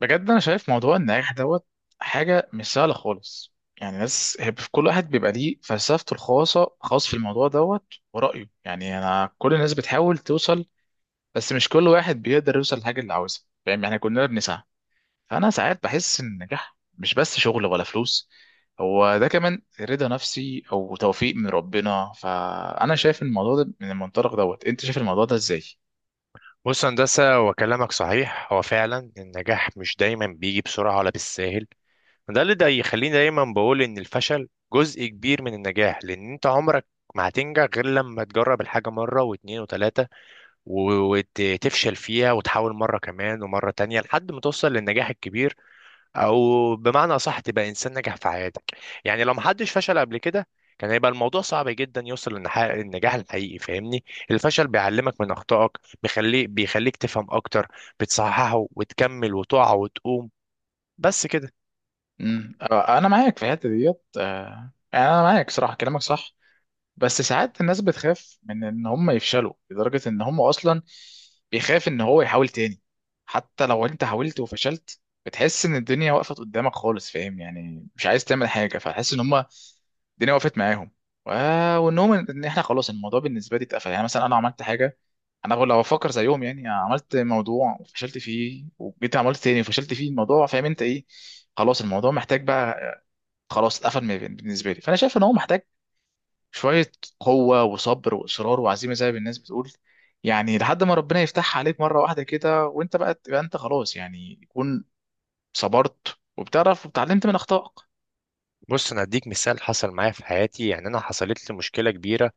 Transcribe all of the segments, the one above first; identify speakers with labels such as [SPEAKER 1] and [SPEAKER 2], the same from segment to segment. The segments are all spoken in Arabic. [SPEAKER 1] بجد انا شايف موضوع النجاح دوت، حاجه مش سهله خالص. يعني ناس هي في كل واحد بيبقى ليه فلسفته الخاصه خاص في الموضوع دوت ورايه. يعني انا كل الناس بتحاول توصل، بس مش كل واحد بيقدر يوصل للحاجه اللي عاوزها. فاهم يعني؟ كلنا بنسعى. فانا ساعات بحس ان النجاح مش بس شغل ولا فلوس، هو ده كمان رضا نفسي او توفيق من ربنا. فانا شايف الموضوع ده من المنطلق دوت. انت شايف الموضوع ده ازاي؟
[SPEAKER 2] بص يا هندسة، وكلامك صحيح. هو فعلا النجاح مش دايما بيجي بسرعة ولا بالساهل. ده يخليني دايما بقول إن الفشل جزء كبير من النجاح، لأن أنت عمرك ما هتنجح غير لما تجرب الحاجة مرة واتنين وتلاتة وتفشل فيها وتحاول مرة كمان ومرة تانية لحد ما توصل للنجاح الكبير، او بمعنى اصح تبقى انسان ناجح في حياتك. يعني لو محدش فشل قبل كده، كان هيبقى الموضوع صعب جدا يوصل للنجاح الحقيقي. فاهمني؟ الفشل بيعلمك من اخطائك، بيخليك تفهم اكتر، بتصححه وتكمل وتقع وتقوم. بس كده.
[SPEAKER 1] انا معاك في الحته ديت، يعني انا معاك صراحه كلامك صح. بس ساعات الناس بتخاف من ان هم يفشلوا لدرجة ان هم اصلا بيخاف ان هو يحاول تاني. حتى لو انت حاولت وفشلت بتحس ان الدنيا وقفت قدامك خالص. فاهم يعني؟ مش عايز تعمل حاجة، فتحس ان هم الدنيا وقفت معاهم. و- وانهم ان احنا خلاص الموضوع بالنسبة لي اتقفل. يعني مثلا انا عملت حاجة، انا لو افكر زيهم، يعني عملت موضوع وفشلت فيه وجيت عملت تاني وفشلت فيه الموضوع. فاهم انت ايه؟ خلاص الموضوع محتاج بقى، خلاص اتقفل بالنسبة لي. فانا شايف ان هو محتاج شوية قوة وصبر وإصرار وعزيمة زي ما الناس بتقول. يعني لحد ما ربنا يفتحها عليك مرة واحدة كده وأنت بقى تبقى أنت، خلاص يعني يكون صبرت وبتعرف واتعلمت من أخطائك.
[SPEAKER 2] بص، انا اديك مثال حصل معايا في حياتي. يعني انا حصلت لي مشكله كبيره،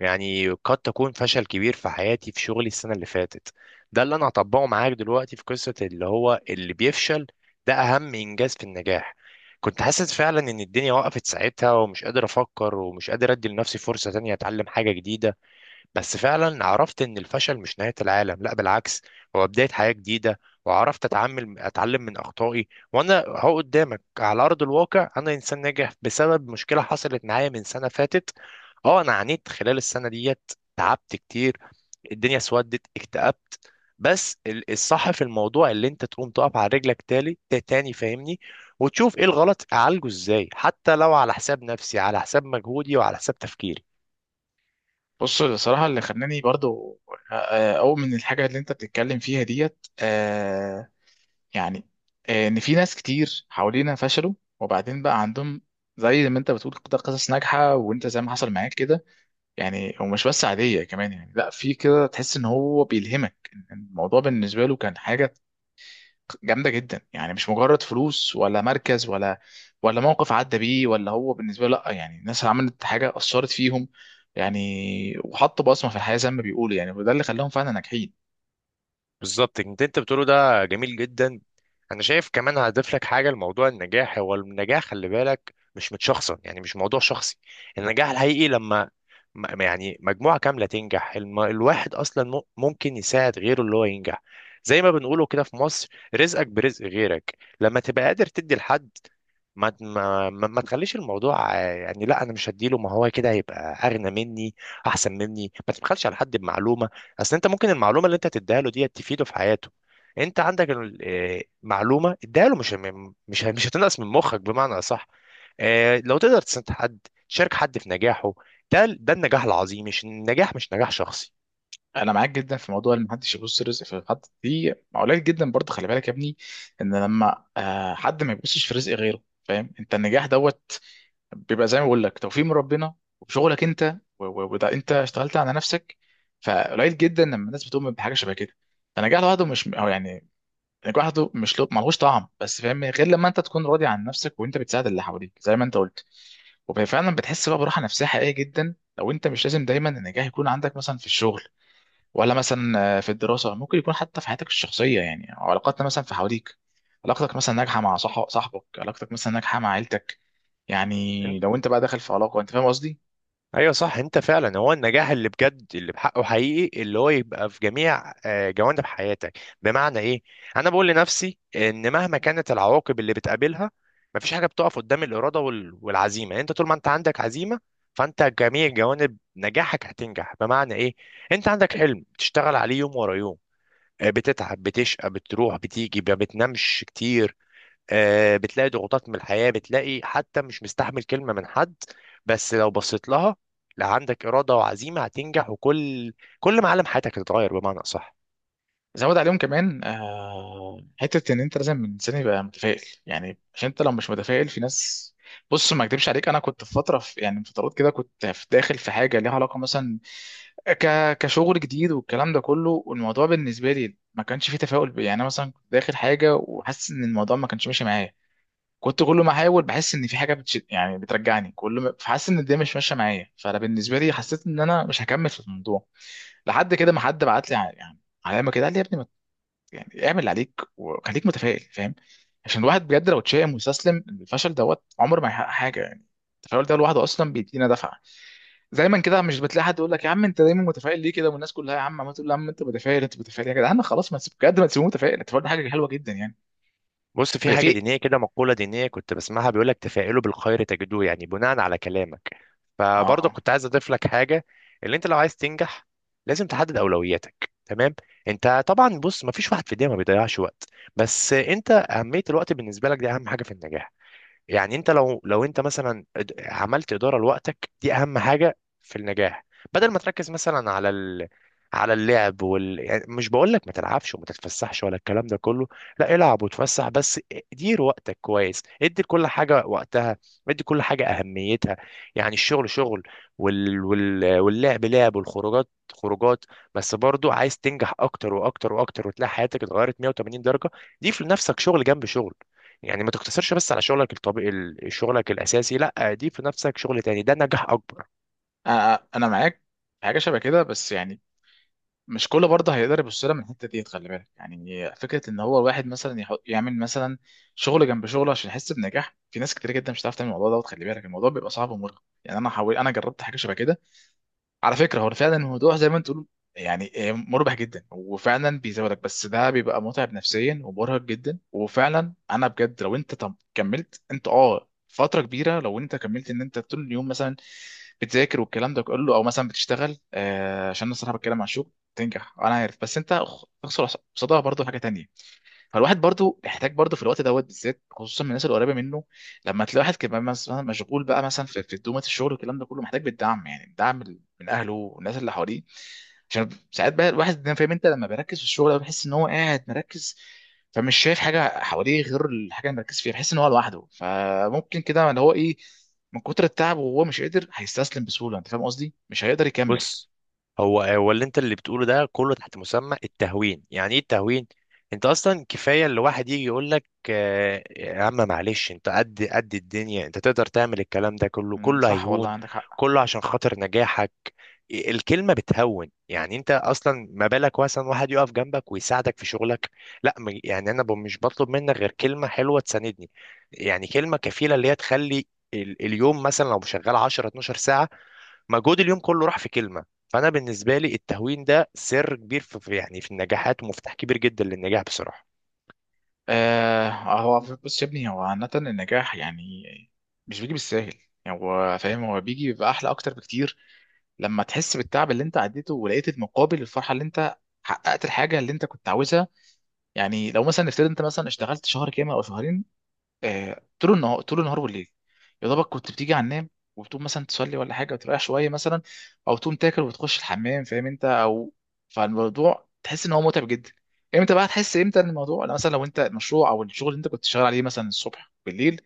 [SPEAKER 2] يعني قد تكون فشل كبير في حياتي في شغلي السنة اللي فاتت. ده اللي أنا هطبقه معاك دلوقتي في قصة اللي هو اللي بيفشل، ده أهم إنجاز في النجاح. كنت حاسس فعلا إن الدنيا وقفت ساعتها، ومش قادر أفكر ومش قادر أدي لنفسي فرصة تانية أتعلم حاجة جديدة. بس فعلا عرفت ان الفشل مش نهاية العالم، لا بالعكس، هو بداية حياة جديدة. وعرفت اتعامل، اتعلم من اخطائي، وانا اهو قدامك على ارض الواقع، انا انسان ناجح بسبب مشكلة حصلت معايا من سنة فاتت. اه، انا عانيت خلال السنة ديت، تعبت كتير، الدنيا اسودت، اكتئبت. بس الصح في الموضوع اللي انت تقوم تقف على رجلك تاني. فاهمني؟ وتشوف ايه الغلط، اعالجه ازاي، حتى لو على حساب نفسي، على حساب مجهودي، وعلى حساب تفكيري.
[SPEAKER 1] بص، الصراحة اللي خلاني برضو أؤمن الحاجة اللي أنت بتتكلم فيها ديت. يعني إن في ناس كتير حوالينا فشلوا، وبعدين بقى عندهم زي ما أنت بتقول كده قصص ناجحة، وأنت زي ما حصل معاك كده. يعني ومش بس عادية كمان، يعني لا، في كده تحس ان هو بيلهمك. الموضوع بالنسبة له كان حاجة جامدة جدا، يعني مش مجرد فلوس ولا مركز ولا موقف عدى بيه، ولا هو بالنسبة له لا. يعني الناس عملت حاجة أثرت فيهم يعني، وحطوا بصمة في الحياة زي ما بيقولوا يعني، وده اللي خلاهم فعلا ناجحين.
[SPEAKER 2] بالظبط، انت بتقوله ده جميل جدا. انا شايف كمان هضيف لك حاجه لموضوع النجاح. هو النجاح خلي بالك مش متشخصن، يعني مش موضوع شخصي. النجاح الحقيقي لما يعني مجموعه كامله تنجح. الواحد اصلا ممكن يساعد غيره اللي هو ينجح. زي ما بنقوله كده في مصر، رزقك برزق غيرك. لما تبقى قادر تدي لحد، ما تخليش الموضوع يعني لا، انا مش هديله، ما هو كده هيبقى اغنى مني، احسن مني. ما تبخلش على حد بمعلومه. اصل انت ممكن المعلومه اللي انت تديها له دي تفيده في حياته. انت عندك معلومه اديها له، مش هتنقص من مخك بمعنى اصح. لو تقدر تساعد حد، تشارك حد في نجاحه، ده النجاح العظيم. مش النجاح، مش نجاح شخصي.
[SPEAKER 1] انا معاك جدا في موضوع ان محدش يبص رزق في حد، دي قليل جدا برضه. خلي بالك يا ابني ان لما حد ما يبصش في رزق غيره. فاهم انت؟ النجاح دوت بيبقى زي ما بقول لك توفيق من ربنا وبشغلك انت، وده انت اشتغلت على نفسك. فقليل جدا لما الناس بتؤمن بحاجه شبه كده. فنجاح لوحده مش هو يعني، نجاح لوحده مش له، ملهوش طعم بس فاهم، غير لما انت تكون راضي عن نفسك وانت بتساعد اللي حواليك زي ما انت قلت. وفعلا بتحس بقى براحه نفسيه حقيقيه جدا لو انت، مش لازم دايما النجاح يكون عندك مثلا في الشغل ولا مثلا في الدراسة. ممكن يكون حتى في حياتك الشخصية، يعني أو علاقاتنا مثلا في حواليك. علاقتك مثلا ناجحة مع صاحبك، علاقتك مثلا ناجحة مع عيلتك. يعني لو انت بقى داخل في علاقة، انت فاهم قصدي.
[SPEAKER 2] ايوه صح. انت فعلا هو النجاح اللي بجد، اللي بحقه حقيقي، اللي هو يبقى في جميع جوانب حياتك. بمعنى ايه؟ انا بقول لنفسي ان مهما كانت العواقب اللي بتقابلها، مفيش حاجه بتقف قدام الاراده والعزيمه. يعني انت طول ما انت عندك عزيمه، فانت جميع جوانب نجاحك هتنجح. بمعنى ايه؟ انت عندك حلم بتشتغل عليه يوم ورا يوم، بتتعب، بتشقى، بتروح بتيجي، ما بتنامش كتير. بتلاقي ضغوطات من الحياة، بتلاقي حتى مش مستحمل كلمة من حد. بس لو بصيت لها، لا، عندك إرادة وعزيمة، هتنجح. وكل معالم حياتك هتتغير بمعنى أصح.
[SPEAKER 1] زود عليهم كمان حتة ان انت لازم من سن يبقى متفائل، يعني عشان انت لو مش متفائل في ناس. بص ما اكدبش عليك، انا كنت في فترة، في يعني من فترات كده، كنت داخل في حاجة ليها علاقة مثلا كشغل جديد والكلام ده كله. والموضوع بالنسبة لي ما كانش فيه تفاؤل. يعني أنا مثلا كنت داخل حاجة وحاسس ان الموضوع ما كانش ماشي معايا. كنت كل ما احاول بحس ان في حاجه بتشد يعني بترجعني كل ما، فحاسس ان الدنيا مش ماشيه معايا. فانا بالنسبه لي حسيت ان انا مش هكمل في الموضوع، لحد كده ما حد بعت لي يعني علامه كده قال لي يا ابني ما ت- يعني اعمل اللي عليك وخليك متفائل. فاهم؟ عشان الواحد بجد لو اتشائم واستسلم الفشل دوت عمره ما يحقق حاجه. يعني التفاؤل ده لوحده اصلا بيدينا دفعه. دايما كده مش بتلاقي حد يقول لك يا عم انت دايما متفائل ليه كده؟ والناس كلها يا عم عمال تقول يا عم انت متفائل، انت متفائل يا جدعان، خلاص ما تسيب بجد، ما تسيبوه متفائل. التفاؤل ده حاجه حلوه جدا يعني.
[SPEAKER 2] بص، في
[SPEAKER 1] هي
[SPEAKER 2] حاجة
[SPEAKER 1] في.
[SPEAKER 2] دينية كده، مقولة دينية كنت بسمعها، بيقولك تفائلوا بالخير تجدوه. يعني بناء على كلامك، فبرضه
[SPEAKER 1] اه.
[SPEAKER 2] كنت عايز أضيف لك حاجة. اللي أنت لو عايز تنجح، لازم تحدد أولوياتك. تمام؟ أنت طبعا، بص، مفيش واحد في الدنيا ما بيضيعش وقت، بس أنت أهمية الوقت بالنسبة لك دي أهم حاجة في النجاح. يعني انت لو انت مثلا عملت اداره لوقتك، دي اهم حاجه في النجاح. بدل ما تركز مثلا على اللعب يعني مش بقول لك ما تلعبش وما تتفسحش ولا الكلام ده كله. لا، العب وتفسح، بس دير وقتك كويس. ادي كل حاجه وقتها، ادي كل حاجه اهميتها. يعني الشغل شغل، واللعب لعب، والخروجات خروجات. بس برضو عايز تنجح اكتر واكتر واكتر، وتلاقي حياتك اتغيرت 180 درجه. دي في نفسك شغل جنب شغل. يعني ما تقتصرش بس على شغلك الطبيعي، شغلك الاساسي. لا، ضيف في نفسك شغل تاني، ده نجاح اكبر.
[SPEAKER 1] انا معاك في حاجه شبه كده، بس يعني مش كله برضه هيقدر يبص لها من الحته دي. خلي بالك يعني فكره ان هو الواحد مثلا يحط يعمل مثلا شغل جنب شغله عشان يحس بنجاح. في ناس كتير جدا مش هتعرف تعمل الموضوع دوت. خلي بالك الموضوع بيبقى صعب ومرهق. يعني انا جربت حاجه شبه كده. على فكره هو فعلا الموضوع زي ما انت تقول، يعني مربح جدا وفعلا بيزودك. بس ده بيبقى متعب نفسيا ومرهق جدا. وفعلا انا بجد، لو انت طب كملت انت فتره كبيره، لو انت كملت ان انت طول اليوم مثلا بتذاكر والكلام ده كله او مثلا بتشتغل عشان انا الصراحه بتكلم عن الشغل، تنجح انا عارف، بس انت تخسر قصادها برضه حاجه تانية. فالواحد برضو محتاج برضو في الوقت دوت بالذات، خصوصا من الناس القريبه منه. لما تلاقي واحد كمان مثلا مشغول بقى مثلا في دومه الشغل والكلام ده كله، محتاج بالدعم. يعني الدعم من اهله والناس اللي حواليه. عشان ساعات بقى الواحد ده، فاهم انت، لما بيركز في الشغل ده بيحس ان هو قاعد مركز. فمش شايف حاجه حواليه غير الحاجه اللي مركز فيها. بيحس ان هو لوحده. فممكن كده اللي هو ايه، من كتر التعب وهو مش قادر هيستسلم بسهوله. انت فاهم قصدي؟ مش هيقدر يكمل.
[SPEAKER 2] بص، هو اللي بتقوله ده كله تحت مسمى التهوين. يعني ايه التهوين؟ انت اصلا كفايه اللي واحد يجي يقول لك يا عم معلش، انت قد الدنيا، انت تقدر تعمل الكلام ده كله،
[SPEAKER 1] مم،
[SPEAKER 2] كله
[SPEAKER 1] صح والله
[SPEAKER 2] هيهون،
[SPEAKER 1] عندك حق.
[SPEAKER 2] كله عشان خاطر نجاحك. الكلمة بتهون، يعني انت اصلا ما بالك مثلا واحد يقف جنبك ويساعدك في شغلك. لا، يعني انا مش بطلب منك غير كلمة حلوة تساندني. يعني كلمة كفيلة اللي هي تخلي اليوم مثلا لو شغال 10 12 ساعة، مجهود اليوم كله راح في كلمة. فانا بالنسبة لي التهوين ده سر كبير في يعني في النجاحات، ومفتاح كبير جدا للنجاح بصراحة.
[SPEAKER 1] آه. هو بص يا ابني، هو عامة النجاح يعني مش بيجي بالساهل. يعني هو فاهم، هو بيجي بيبقى أحلى أكتر بكتير لما تحس بالتعب اللي أنت عديته ولقيت المقابل الفرحة اللي أنت حققت الحاجة اللي أنت كنت عاوزها. يعني لو مثلا نفترض أنت مثلا اشتغلت شهر كامل أو شهرين، طول النهار طول النهار والليل. يا دوبك كنت بتيجي على النام، وبتقوم مثلا تصلي ولا حاجه وتريح شويه مثلا، او تقوم تاكل وتخش الحمام، فاهم انت؟ او فالموضوع تحس ان هو متعب جدا. امتى بقى تحس امتى إن الموضوع؟ لا، مثلا لو انت المشروع او الشغل اللي انت كنت شغال عليه مثلا الصبح بالليل،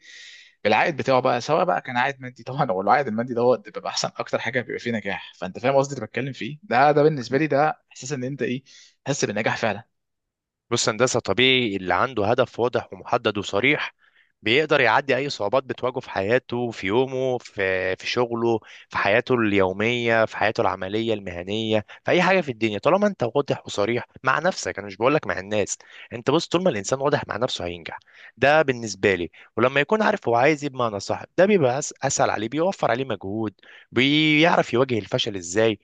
[SPEAKER 1] العائد بتاعه بقى، سواء بقى كان عائد مادي طبعا هو العائد المادي دوت بيبقى احسن، اكتر حاجه بيبقى فيه نجاح. فانت فاهم قصدي اللي بتكلم فيه ده، ده بالنسبه لي ده احساس ان انت ايه، تحس بالنجاح فعلا.
[SPEAKER 2] بص، هندسة، طبيعي اللي عنده هدف واضح ومحدد وصريح بيقدر يعدي أي صعوبات بتواجهه في حياته، في يومه، في شغله، في حياته اليومية، في حياته العملية المهنية، في أي حاجة في الدنيا. طالما أنت واضح وصريح مع نفسك، أنا مش بقولك مع الناس، أنت بص، طول ما الإنسان واضح مع نفسه هينجح. ده بالنسبة لي. ولما يكون عارف هو عايز إيه بمعنى صح، ده بيبقى أسهل عليه، بيوفر عليه مجهود. بيعرف يواجه الفشل إزاي،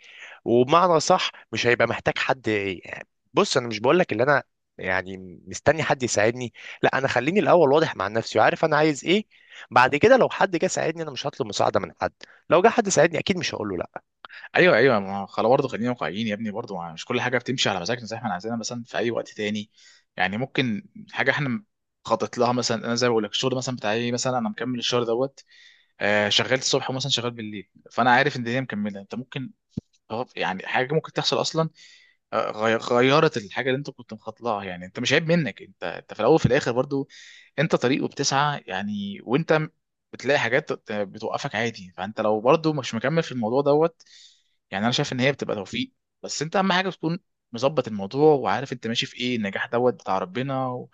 [SPEAKER 2] وبمعنى صح مش هيبقى محتاج حد، يعني. بص، انا مش بقول لك اللي انا يعني مستني حد يساعدني. لا، انا خليني الاول واضح مع نفسي وعارف انا عايز ايه. بعد كده لو حد جه ساعدني، انا مش هطلب مساعده من حد. لو جه حد ساعدني، اكيد مش هقول له لا.
[SPEAKER 1] ايوه ايوه، ما هو خلاص برضه خلينا واقعيين يا ابني، برضه مش كل حاجه بتمشي على مزاجنا زي ما احنا عايزينها مثلا في اي وقت تاني. يعني ممكن حاجه احنا خطط لها مثلا، انا زي ما بقول لك الشغل مثلا بتاعي، مثلا انا مكمل الشهر دوت شغال الصبح ومثلا شغال بالليل، فانا عارف ان الدنيا مكمله. انت ممكن يعني حاجه ممكن تحصل اصلا، غيرت الحاجه اللي انت كنت مخطلها. يعني انت مش عيب منك، انت في الاول وفي الاخر برضو انت طريق وبتسعى يعني، وانت بتلاقي حاجات بتوقفك عادي. فانت لو برضو مش مكمل في الموضوع دوت، يعني انا شايف ان هي بتبقى توفيق. بس انت اهم حاجه تكون مظبط الموضوع، وعارف انت ماشي في ايه. النجاح دوت بتاع ربنا،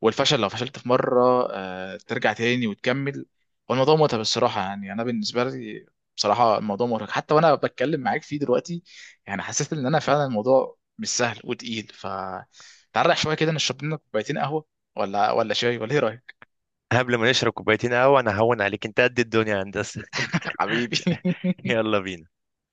[SPEAKER 1] والفشل لو فشلت في مره ترجع تاني وتكمل. والموضوع متعب الصراحه، يعني انا بالنسبه لي بصراحه الموضوع مرهق حتى وانا بتكلم معاك فيه دلوقتي. يعني حسيت ان انا فعلا الموضوع مش سهل وتقيل. ف تعرق شويه كده، نشرب لنا كوبايتين قهوه ولا شاي، ولا ايه رايك؟
[SPEAKER 2] قبل ما نشرب كوبايتين قهوه، انا هون عليك، انت قد الدنيا يا هندسه.
[SPEAKER 1] حبيبي.
[SPEAKER 2] يلا بينا.